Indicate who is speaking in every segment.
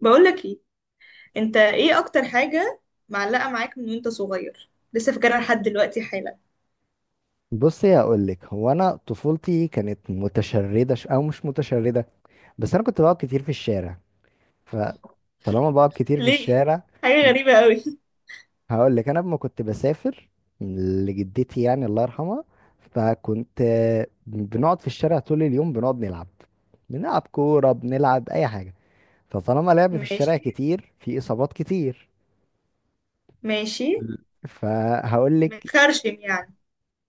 Speaker 1: بقولك ايه؟ انت ايه اكتر حاجة معلقة معاك من وانت صغير لسه فاكرها لحد دلوقتي حالا؟
Speaker 2: بصي هقول لك هو انا طفولتي كانت متشرده ش... او مش متشرده، بس انا كنت بقعد كتير في الشارع. فطالما بقعد كتير في
Speaker 1: ليه؟
Speaker 2: الشارع
Speaker 1: حاجة غريبة قوي.
Speaker 2: هقول لك. انا لما كنت بسافر لجدتي يعني الله يرحمها، فكنت بنقعد في الشارع طول اليوم، بنقعد نلعب، بنلعب كوره، بنلعب اي حاجه. فطالما لعب في الشارع
Speaker 1: ماشي،
Speaker 2: كتير في اصابات كتير.
Speaker 1: ماشي.
Speaker 2: فهقول لك.
Speaker 1: متخرشم يعني؟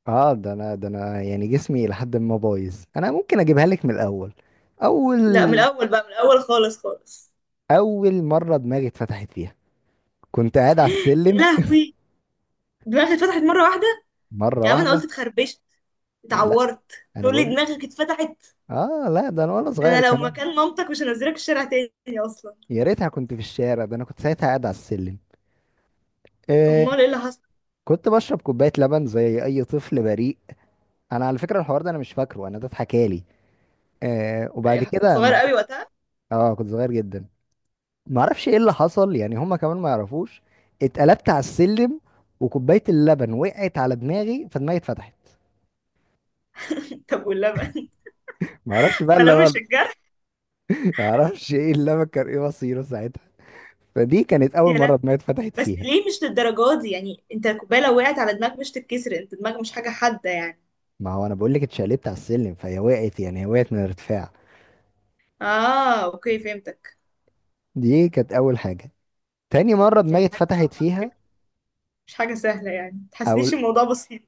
Speaker 2: اه، ده انا يعني جسمي لحد ما بايظ. انا ممكن اجيبها لك من الاول.
Speaker 1: لا، من
Speaker 2: اول
Speaker 1: الاول بقى، من الاول خالص خالص.
Speaker 2: اول مره دماغي اتفتحت فيها كنت قاعد على
Speaker 1: يا
Speaker 2: السلم.
Speaker 1: لهوي، دماغي اتفتحت مرة واحدة؟
Speaker 2: مره
Speaker 1: يا عم انا
Speaker 2: واحده.
Speaker 1: قلت اتخربشت،
Speaker 2: لا
Speaker 1: اتعورت.
Speaker 2: انا
Speaker 1: تقول لي
Speaker 2: بقول،
Speaker 1: دماغك اتفتحت؟
Speaker 2: اه، لا، ده انا وانا صغير
Speaker 1: انا لو
Speaker 2: كمان.
Speaker 1: مكان مامتك مش هنزلك الشارع تاني اصلا.
Speaker 2: يا ريتها كنت في الشارع، ده انا كنت ساعتها قاعد على السلم. آه.
Speaker 1: امال ايه اللي حصل؟
Speaker 2: كنت بشرب كوبايه لبن زي اي طفل بريء. انا على فكره الحوار ده انا مش فاكره، انا ده اتحكالي. آه وبعد
Speaker 1: إيه، كنت
Speaker 2: كده
Speaker 1: صغيرة
Speaker 2: مع...
Speaker 1: قوي وقتها.
Speaker 2: اه، كنت صغير جدا. ما اعرفش ايه اللي حصل يعني، هما كمان ما يعرفوش. اتقلبت على السلم وكوبايه اللبن وقعت على دماغي فدماغي اتفتحت.
Speaker 1: طب واللبن؟
Speaker 2: ما اعرفش بقى
Speaker 1: ما لمش
Speaker 2: اللبن.
Speaker 1: الجرح.
Speaker 2: ما اعرفش ايه اللبن كان ايه مصيره ساعتها. فدي كانت
Speaker 1: يا
Speaker 2: اول
Speaker 1: لهوي.
Speaker 2: مره دماغي اتفتحت
Speaker 1: بس
Speaker 2: فيها.
Speaker 1: ليه مش للدرجة دي يعني، انت الكوباية لو وقعت على دماغك مش تتكسر؟ انت دماغك مش حاجة حادة يعني.
Speaker 2: ما هو انا بقول لك اتشقلبت على السلم فهي وقعت، يعني هي وقعت من الارتفاع.
Speaker 1: اه اوكي، فهمتك.
Speaker 2: دي كانت اول حاجه. تاني مره
Speaker 1: يعني
Speaker 2: دماغي
Speaker 1: دي حاجة صعبة
Speaker 2: اتفتحت
Speaker 1: على
Speaker 2: فيها.
Speaker 1: فكرة، مش حاجة سهلة يعني،
Speaker 2: او
Speaker 1: متحسنيش الموضوع بسيط.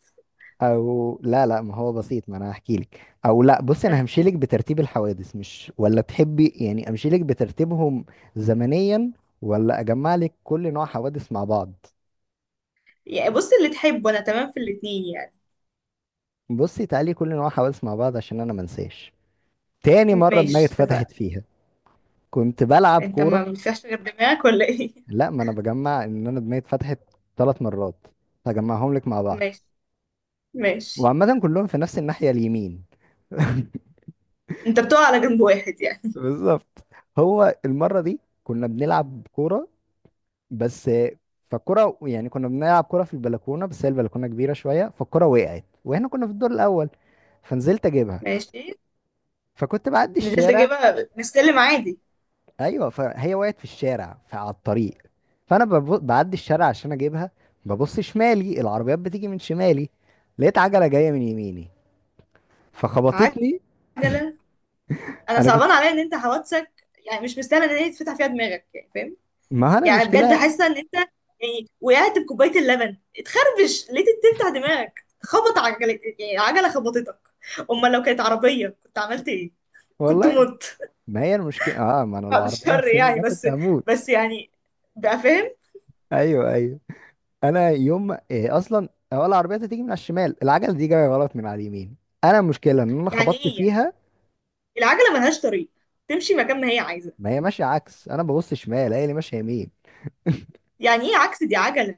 Speaker 2: او لا لا، ما هو بسيط، ما انا هحكي لك. او لا، بصي، انا
Speaker 1: احكي
Speaker 2: همشي لك بترتيب الحوادث، مش ولا تحبي يعني امشي لك بترتيبهم زمنيا ولا اجمع لك كل نوع حوادث مع بعض.
Speaker 1: لي يعني، بص اللي تحبه، انا تمام في الاتنين يعني.
Speaker 2: بصي تعالي كل نوع حوادث مع بعض عشان انا منساش. تاني مره دماغي
Speaker 1: ماشي، اتفقنا.
Speaker 2: اتفتحت فيها كنت بلعب
Speaker 1: انت
Speaker 2: كوره.
Speaker 1: ما بتفيهاش غير دماغك ولا ايه؟
Speaker 2: لا، ما انا بجمع ان انا دماغي اتفتحت ثلاث مرات، هجمعهم لك مع بعض.
Speaker 1: ماشي، ماشي.
Speaker 2: وعامة كلهم في نفس الناحية اليمين.
Speaker 1: انت بتقع على جنب واحد يعني.
Speaker 2: بالظبط. هو المرة دي كنا بنلعب كورة بس. فالكورة يعني كنا بنلعب كورة في البلكونة، بس هي البلكونة كبيرة شوية فالكورة وقعت واحنا كنا في الدور الأول، فنزلت أجيبها.
Speaker 1: ماشي.
Speaker 2: فكنت بعدي
Speaker 1: نزلت
Speaker 2: الشارع.
Speaker 1: اجيبها من السلم عادي.
Speaker 2: أيوة، فهي وقعت في الشارع، فعلى الطريق، فأنا بعدي الشارع عشان أجيبها. ببص شمالي، العربيات بتيجي من شمالي، لقيت عجلة جاية من يميني
Speaker 1: عجلة؟
Speaker 2: فخبطتني.
Speaker 1: انا
Speaker 2: انا كنت،
Speaker 1: صعبان عليا ان انت حوادثك يعني مش مستاهله ان هي تفتح فيها دماغك، يعني فاهم؟
Speaker 2: ما هو انا
Speaker 1: يعني بجد
Speaker 2: المشكله،
Speaker 1: حاسه ان انت، يعني وقعت بكوبايه اللبن اتخربش ليه تفتح دماغك، خبط عجلك، يعني عجله خبطتك. امال لو كانت عربيه كنت عملت ايه؟ كنت
Speaker 2: والله،
Speaker 1: مت.
Speaker 2: ما هي المشكله، اه، ما انا لو
Speaker 1: بعد
Speaker 2: عربيه في
Speaker 1: الشر
Speaker 2: سني
Speaker 1: يعني،
Speaker 2: ده كنت
Speaker 1: بس،
Speaker 2: هموت.
Speaker 1: بس يعني، بقى فاهم.
Speaker 2: ايوه ايوه. انا يوم ما- إيه اصلا اول عربيه تيجي من على الشمال، العجله دي جايه غلط من على اليمين، انا المشكله ان انا
Speaker 1: يعني
Speaker 2: خبطت
Speaker 1: ايه يعني؟
Speaker 2: فيها.
Speaker 1: العجله ملهاش طريق، تمشي مكان ما هي عايزه؟
Speaker 2: ما هي ماشيه عكس، انا ببص شمال هي اللي ماشيه يمين.
Speaker 1: يعني ايه عكس؟ دي عجله.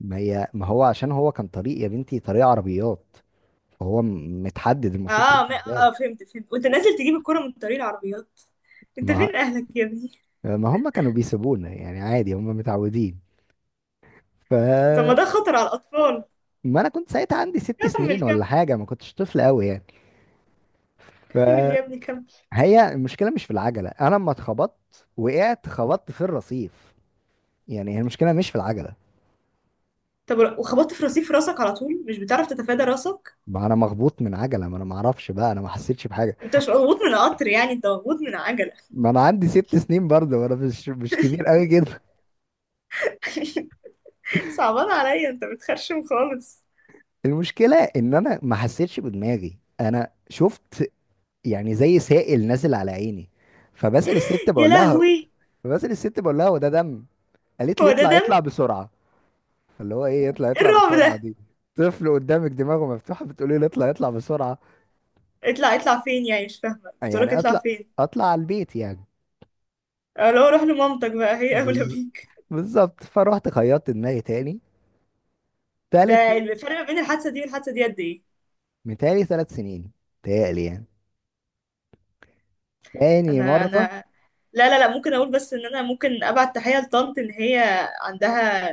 Speaker 2: ما هو عشان هو كان طريق يا بنتي، طريق عربيات، فهو متحدد المفروض تمشي
Speaker 1: اه، ما
Speaker 2: ازاي.
Speaker 1: اه فهمت، فهمت. وانت نازل تجيب الكره من طريق العربيات، انت
Speaker 2: ما
Speaker 1: فين اهلك يا ابني؟
Speaker 2: ما هم كانوا بيسيبونا يعني عادي، هم متعودين،
Speaker 1: طب ما
Speaker 2: ف.
Speaker 1: ده خطر على الاطفال.
Speaker 2: ما انا كنت ساعتها عندي ست
Speaker 1: كمل،
Speaker 2: سنين ولا
Speaker 1: كمل.
Speaker 2: حاجه، ما كنتش طفل قوي يعني.
Speaker 1: كمل
Speaker 2: فهي،
Speaker 1: يا ابني كمل.
Speaker 2: المشكله مش في العجله. انا لما اتخبطت وقعت خبطت في الرصيف، يعني هي المشكله مش في العجله.
Speaker 1: طب وخبطت في رصيف راسك على طول؟ مش بتعرف تتفادى راسك؟
Speaker 2: ما انا مخبوط من عجله، ما انا ما اعرفش بقى، انا ما حسيتش بحاجه.
Speaker 1: انت مش مضغوط من قطر، يعني انت مضغوط من عجلة.
Speaker 2: ما انا عندي ست سنين برضه، وانا مش كبير قوي كده.
Speaker 1: صعبان عليا، انت بتخرشم خالص.
Speaker 2: المشكله ان انا ما حسيتش بدماغي، انا شفت يعني زي سائل نازل على عيني. فبسأل الست
Speaker 1: يا
Speaker 2: بقول لها،
Speaker 1: لهوي.
Speaker 2: فبسأل الست بقول لها وده دم؟ قالت لي
Speaker 1: هو ده
Speaker 2: اطلع
Speaker 1: دم؟
Speaker 2: اطلع بسرعه. اللي هو ايه يطلع
Speaker 1: إيه
Speaker 2: يطلع
Speaker 1: الرعب
Speaker 2: بسرعة
Speaker 1: ده؟
Speaker 2: دي؟ طفل قدامك دماغه مفتوحة بتقولي له يطلع يطلع بسرعة.
Speaker 1: اطلع اطلع فين يعني؟ مش فاهمة بتقولك
Speaker 2: يعني
Speaker 1: اطلع
Speaker 2: اطلع
Speaker 1: فين.
Speaker 2: اطلع على البيت يعني.
Speaker 1: اه، لو روح لمامتك بقى، هي اولى
Speaker 2: بز...
Speaker 1: بيك.
Speaker 2: بالظبط، فروحت خيطت دماغي تاني. تالت،
Speaker 1: ده الفرق ما بين الحادثة دي والحادثة دي قد ايه؟
Speaker 2: متهيألي ثلاث سنين، متهيألي يعني. تاني
Speaker 1: انا
Speaker 2: مرة،
Speaker 1: انا، لا لا لا، ممكن اقول بس ان انا ممكن ابعت تحية لطنط ان هي عندها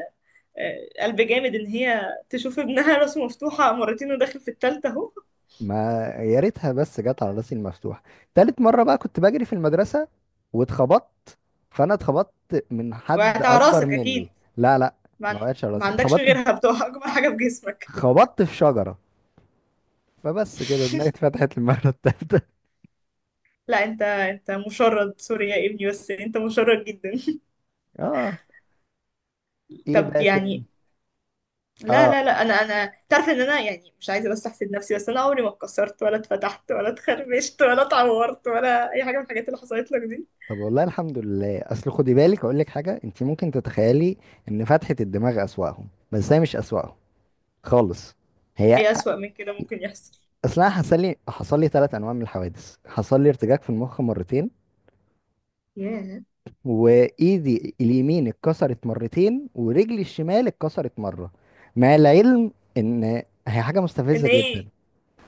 Speaker 1: آه، قلب جامد ان هي تشوف ابنها راسه مفتوحة مرتين وداخل في التالتة اهو.
Speaker 2: ما يا ريتها بس جت على راسي المفتوحة. تالت مرة بقى كنت بجري في المدرسة واتخبطت. فانا اتخبطت من حد
Speaker 1: وهتع
Speaker 2: اكبر
Speaker 1: راسك اكيد.
Speaker 2: مني. لا لا،
Speaker 1: ما,
Speaker 2: ما
Speaker 1: عن-
Speaker 2: وقعتش على
Speaker 1: ما
Speaker 2: راسي،
Speaker 1: عندكش
Speaker 2: اتخبطت،
Speaker 1: غيرها بتوع اجمل حاجه في جسمك.
Speaker 2: خبطت في شجرة. فبس كده دماغي اتفتحت المرة التالتة.
Speaker 1: لا، انت انت مشرد سوري يا ابني، بس انت مشرد جدا.
Speaker 2: اه. ايه
Speaker 1: طب
Speaker 2: بقى تاني؟
Speaker 1: يعني، لا
Speaker 2: اه،
Speaker 1: لا لا، انا انا تعرف ان انا يعني مش عايزه بس احسد نفسي، بس انا عمري ما اتكسرت ولا اتفتحت ولا اتخربشت ولا اتعورت ولا اي حاجه من الحاجات اللي حصلت لك دي.
Speaker 2: طب والله الحمد لله. اصل خدي بالك اقول لك حاجه انت ممكن تتخيلي، ان فتحه الدماغ اسواقهم، بس هي مش اسواقهم خالص. هي،
Speaker 1: ايه اسوأ من كده ممكن يحصل؟
Speaker 2: اصلا حصل لي، حصل لي ثلاث انواع من الحوادث. حصل لي ارتجاج في المخ مرتين،
Speaker 1: ياه.
Speaker 2: وايدي اليمين اتكسرت مرتين، ورجلي الشمال اتكسرت مره. مع العلم ان، هي حاجه
Speaker 1: ان
Speaker 2: مستفزه جدا.
Speaker 1: ايه؟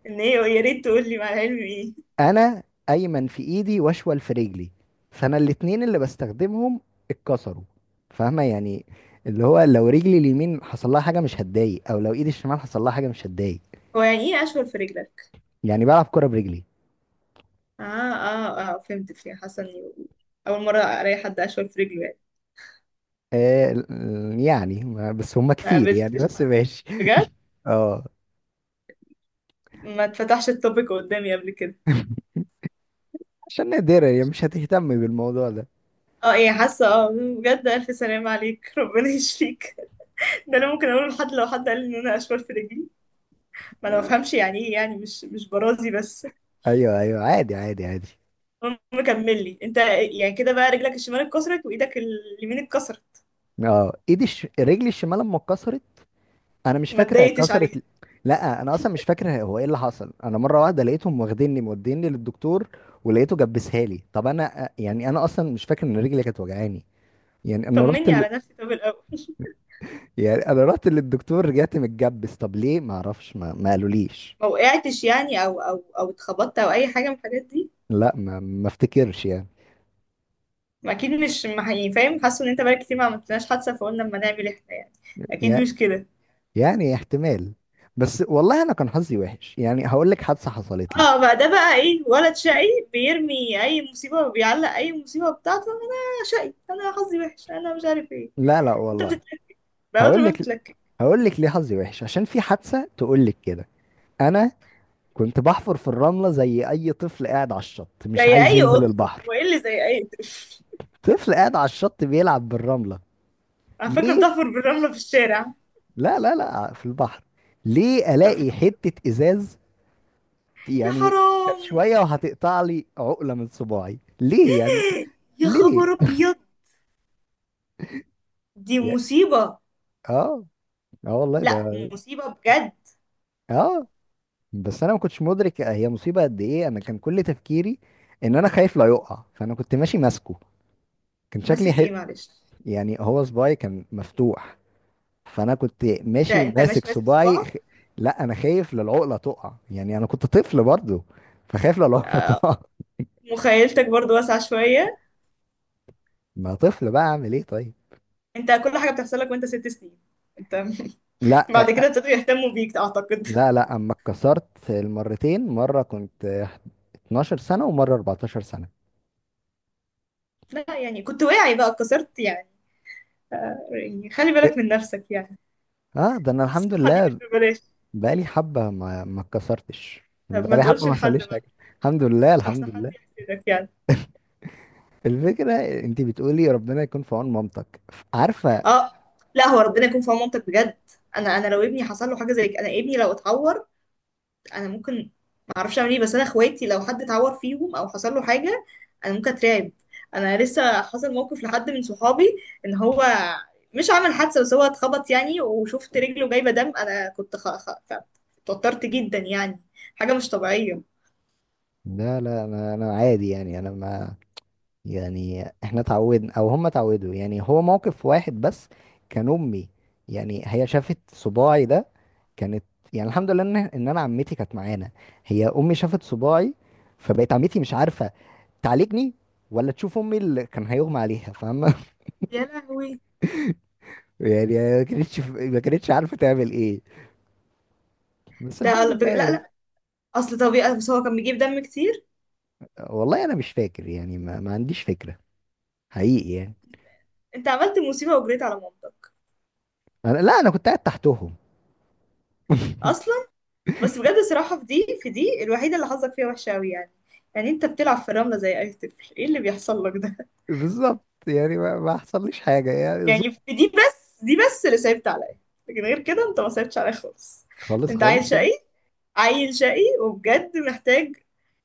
Speaker 1: ان ايه؟ يا ريت تقول لي مع العلم ايه.
Speaker 2: انا ايمن في ايدي، واشول في رجلي، فانا الاتنين اللي بستخدمهم اتكسروا، فاهمه يعني. اللي هو لو رجلي اليمين حصل لها حاجه مش هتضايق، او لو ايدي الشمال حصل لها حاجه مش هتضايق.
Speaker 1: هو يعني ايه اشول في رجلك؟
Speaker 2: يعني بلعب كره برجلي.
Speaker 1: اه اه اه فهمت، فيها حاسه اني، اول مره الاقي حد اشول في رجله يعني،
Speaker 2: بس هما
Speaker 1: ما
Speaker 2: كتير يعني،
Speaker 1: قابلتش
Speaker 2: بس
Speaker 1: حد،
Speaker 2: ماشي.
Speaker 1: بجد
Speaker 2: اه،
Speaker 1: ما اتفتحش التوبيك قدامي قبل كده.
Speaker 2: عشان نادرة يعني، مش هتهتم بالموضوع ده.
Speaker 1: اه ايه، حاسه اه. بجد الف سلامة عليك، ربنا يشفيك. ده انا ممكن اقوله لحد لو حد قال لي ان انا اشوال في رجلي، ما انا ما
Speaker 2: آه،
Speaker 1: بفهمش يعني ايه، يعني مش، مش برازي بس.
Speaker 2: ايوه ايوه، عادي عادي عادي.
Speaker 1: المهم، كمل لي انت. يعني كده بقى رجلك الشمال اتكسرت وايدك اليمين اتكسرت؟
Speaker 2: اه، رجلي الشمال لما اتكسرت انا مش
Speaker 1: ما
Speaker 2: فاكر هي
Speaker 1: اتضايقتش عليها؟
Speaker 2: اتكسرت. لا، انا اصلا مش فاكر هو ايه اللي حصل. انا مره واحده لقيتهم واخديني موديني للدكتور، ولقيته جبسها لي. طب انا يعني، انا اصلا مش فاكر ان رجلي كانت وجعاني. يعني انا رحت
Speaker 1: طمني على نفسي طب الاول.
Speaker 2: يعني انا رحت للدكتور رجعت متجبس، طب ليه؟ ما اعرفش، ما قالوليش.
Speaker 1: ما وقعتش يعني، او او او اتخبطت او اي حاجه من الحاجات دي؟
Speaker 2: لا ما ما افتكرش يعني.
Speaker 1: ما اكيد مش، ما يعني فاهم، حاسه ان انت بقى كتير ما عملتناش حادثه فقلنا اما نعمل احنا يعني. اكيد
Speaker 2: يع-
Speaker 1: مش كده.
Speaker 2: يعني احتمال، بس والله انا كان حظي وحش يعني. هقول لك حادثه حصلت لي.
Speaker 1: اه، بقى ده بقى ايه ولد شقي؟ بيرمي اي مصيبه وبيعلق اي مصيبه بتاعته، انا شقي، انا حظي وحش، انا مش عارف ايه.
Speaker 2: لا لا
Speaker 1: انت
Speaker 2: والله.
Speaker 1: بتتلكك، بقى قطر
Speaker 2: هقول
Speaker 1: ما
Speaker 2: لك،
Speaker 1: بتتلكك.
Speaker 2: هقول لك ليه حظي وحش، عشان في حادثه تقول لك كده. انا كنت بحفر في الرملة زي أي طفل قاعد على الشط مش
Speaker 1: زي
Speaker 2: عايز
Speaker 1: اي
Speaker 2: ينزل
Speaker 1: قطه؟
Speaker 2: البحر.
Speaker 1: هو ايه اللي زي اي قطه؟
Speaker 2: طفل قاعد على الشط بيلعب بالرملة.
Speaker 1: على فكره
Speaker 2: ليه؟
Speaker 1: بتحفر بالرمله في الشارع؟
Speaker 2: لا لا لا، في البحر. ليه؟
Speaker 1: طب،
Speaker 2: ألاقي حتة إزاز،
Speaker 1: يا
Speaker 2: يعني كانت
Speaker 1: حرام.
Speaker 2: شوية وهتقطع لي عقلة من صباعي. ليه يعني؟
Speaker 1: يا
Speaker 2: ليه؟
Speaker 1: خبر ابيض، دي
Speaker 2: يا-
Speaker 1: مصيبه.
Speaker 2: اه، اه والله ده،
Speaker 1: لا مصيبه بجد.
Speaker 2: اه. بس أنا ما كنتش مدرك هي مصيبة قد إيه. أنا كان كل تفكيري إن أنا خايف لا يقع، فأنا كنت ماشي ماسكه. كان
Speaker 1: ماسك
Speaker 2: شكلي حلو.
Speaker 1: ايه معلش؟
Speaker 2: يعني هو صباعي كان مفتوح، فانا كنت
Speaker 1: انت
Speaker 2: ماشي
Speaker 1: انت
Speaker 2: ماسك
Speaker 1: ماشي ماسك
Speaker 2: صباعي
Speaker 1: صباعك؟
Speaker 2: لا انا خايف لا العقله تقع، يعني انا كنت طفل برضو، فخايف لا العقله تقع.
Speaker 1: مخيلتك برضو واسعه شويه.
Speaker 2: ما طفل بقى، اعمل ايه طيب.
Speaker 1: انت كل حاجه بتحصل لك وانت 6 سنين، انت.
Speaker 2: لا
Speaker 1: بعد كده ابتدوا يهتموا بيك اعتقد.
Speaker 2: لا لا، اما اتكسرت المرتين، مره كنت 12 سنه، ومره 14 سنه.
Speaker 1: لا، يعني كنت واعي بقى اتكسرت يعني، ف- يعني خلي
Speaker 2: إيه؟
Speaker 1: بالك من نفسك يعني،
Speaker 2: اه، ده انا الحمد
Speaker 1: الصحة دي مش
Speaker 2: لله،
Speaker 1: ببلاش.
Speaker 2: بقالي حبه ما ما اتكسرتش،
Speaker 1: طب ما
Speaker 2: بقالي حبه
Speaker 1: تقولش
Speaker 2: ما
Speaker 1: لحد
Speaker 2: حصليش
Speaker 1: بقى،
Speaker 2: حاجه. الحمد لله
Speaker 1: احسن
Speaker 2: الحمد
Speaker 1: حد
Speaker 2: لله.
Speaker 1: يحسدك يعني.
Speaker 2: الفكره، انت بتقولي ربنا يكون في عون مامتك، عارفه.
Speaker 1: اه. لا هو ربنا يكون في عون مامتك بجد. انا انا لو ابني حصل له حاجة زي كده، انا ابني لو اتعور انا ممكن، ما اعرفش اعمل ايه. بس انا اخواتي لو حد اتعور فيهم او حصل له حاجه انا ممكن اترعب. انا لسه حصل موقف لحد من صحابي ان هو مش عمل حادثه بس هو اتخبط يعني، وشفت رجله جايبه دم، انا كنت اتوترت جدا يعني، حاجه مش طبيعيه.
Speaker 2: لا لا، انا انا عادي يعني، انا ما. يعني احنا اتعودنا او هم اتعودوا. يعني هو موقف واحد بس كان، امي يعني هي شافت صباعي ده، كانت، يعني الحمد لله ان انا عمتي كانت معانا. هي امي شافت صباعي، فبقت عمتي مش عارفه تعالجني ولا تشوف امي اللي كان هيغمى عليها، فاهمه.
Speaker 1: يا لهوي.
Speaker 2: يعني ما كانتش ما كانتش عارفه تعمل ايه، بس
Speaker 1: ده
Speaker 2: الحمد لله
Speaker 1: لا
Speaker 2: يعني.
Speaker 1: لا، اصل طبيعي بس هو كان بيجيب دم كتير.
Speaker 2: والله انا مش فاكر يعني، ما عنديش فكره حقيقي يعني.
Speaker 1: انت عملت مصيبه وجريت على مامتك
Speaker 2: أنا لا، انا كنت قاعد تحتهم.
Speaker 1: اصلا. بس بجد الصراحه في دي، في دي الوحيده اللي حظك فيها وحشه قوي يعني، يعني انت بتلعب في الرمله زي اي طفل، ايه اللي بيحصل لك ده؟
Speaker 2: بالظبط يعني، ما حصليش حاجه يعني.
Speaker 1: يعني في دي بس، دي بس اللي صعبت عليا، لكن غير كده انت ما صعبتش عليا خالص.
Speaker 2: خالص
Speaker 1: انت عيل
Speaker 2: خالص يعني.
Speaker 1: شقي، عيل شقي وبجد محتاج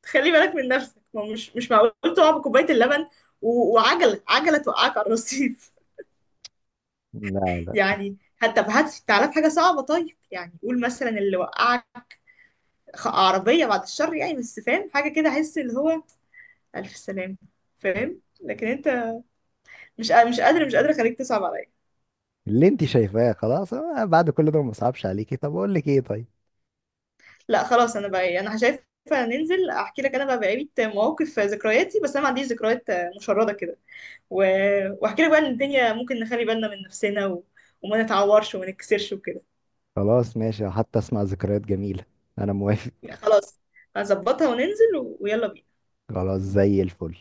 Speaker 1: تخلي بالك من نفسك، ما هو مش، مش معقول تقع بكوباية اللبن وعجلة، توقعك على الرصيف.
Speaker 2: لا
Speaker 1: يعني حتى بهات تعالى بحاجة صعبة طيب، يعني قول مثلا اللي وقعك عربية، بعد الشر يعني، بس فاهم حاجة كده، احس اللي هو ألف سلامة، فاهم. لكن انت مش قادر، مش قادرة خليك تصعب عليا.
Speaker 2: اللي انت شايفاه، خلاص أنا بعد كل ده ما صعبش عليكي، طب اقول لك ايه طيب.
Speaker 1: لا خلاص، انا بقى إيه، انا شايفه ننزل احكي لك انا بقى بقية مواقف ذكرياتي، بس انا ما عنديش ذكريات مشردة كده و... واحكي لك بقى ان الدنيا ممكن نخلي بالنا من نفسنا و... وما نتعورش وما نكسرش وكده.
Speaker 2: خلاص ماشي، حتى اسمع ذكريات جميلة. انا موافق.
Speaker 1: يعني خلاص، هظبطها وننزل و... ويلا بينا.
Speaker 2: خلاص زي الفل.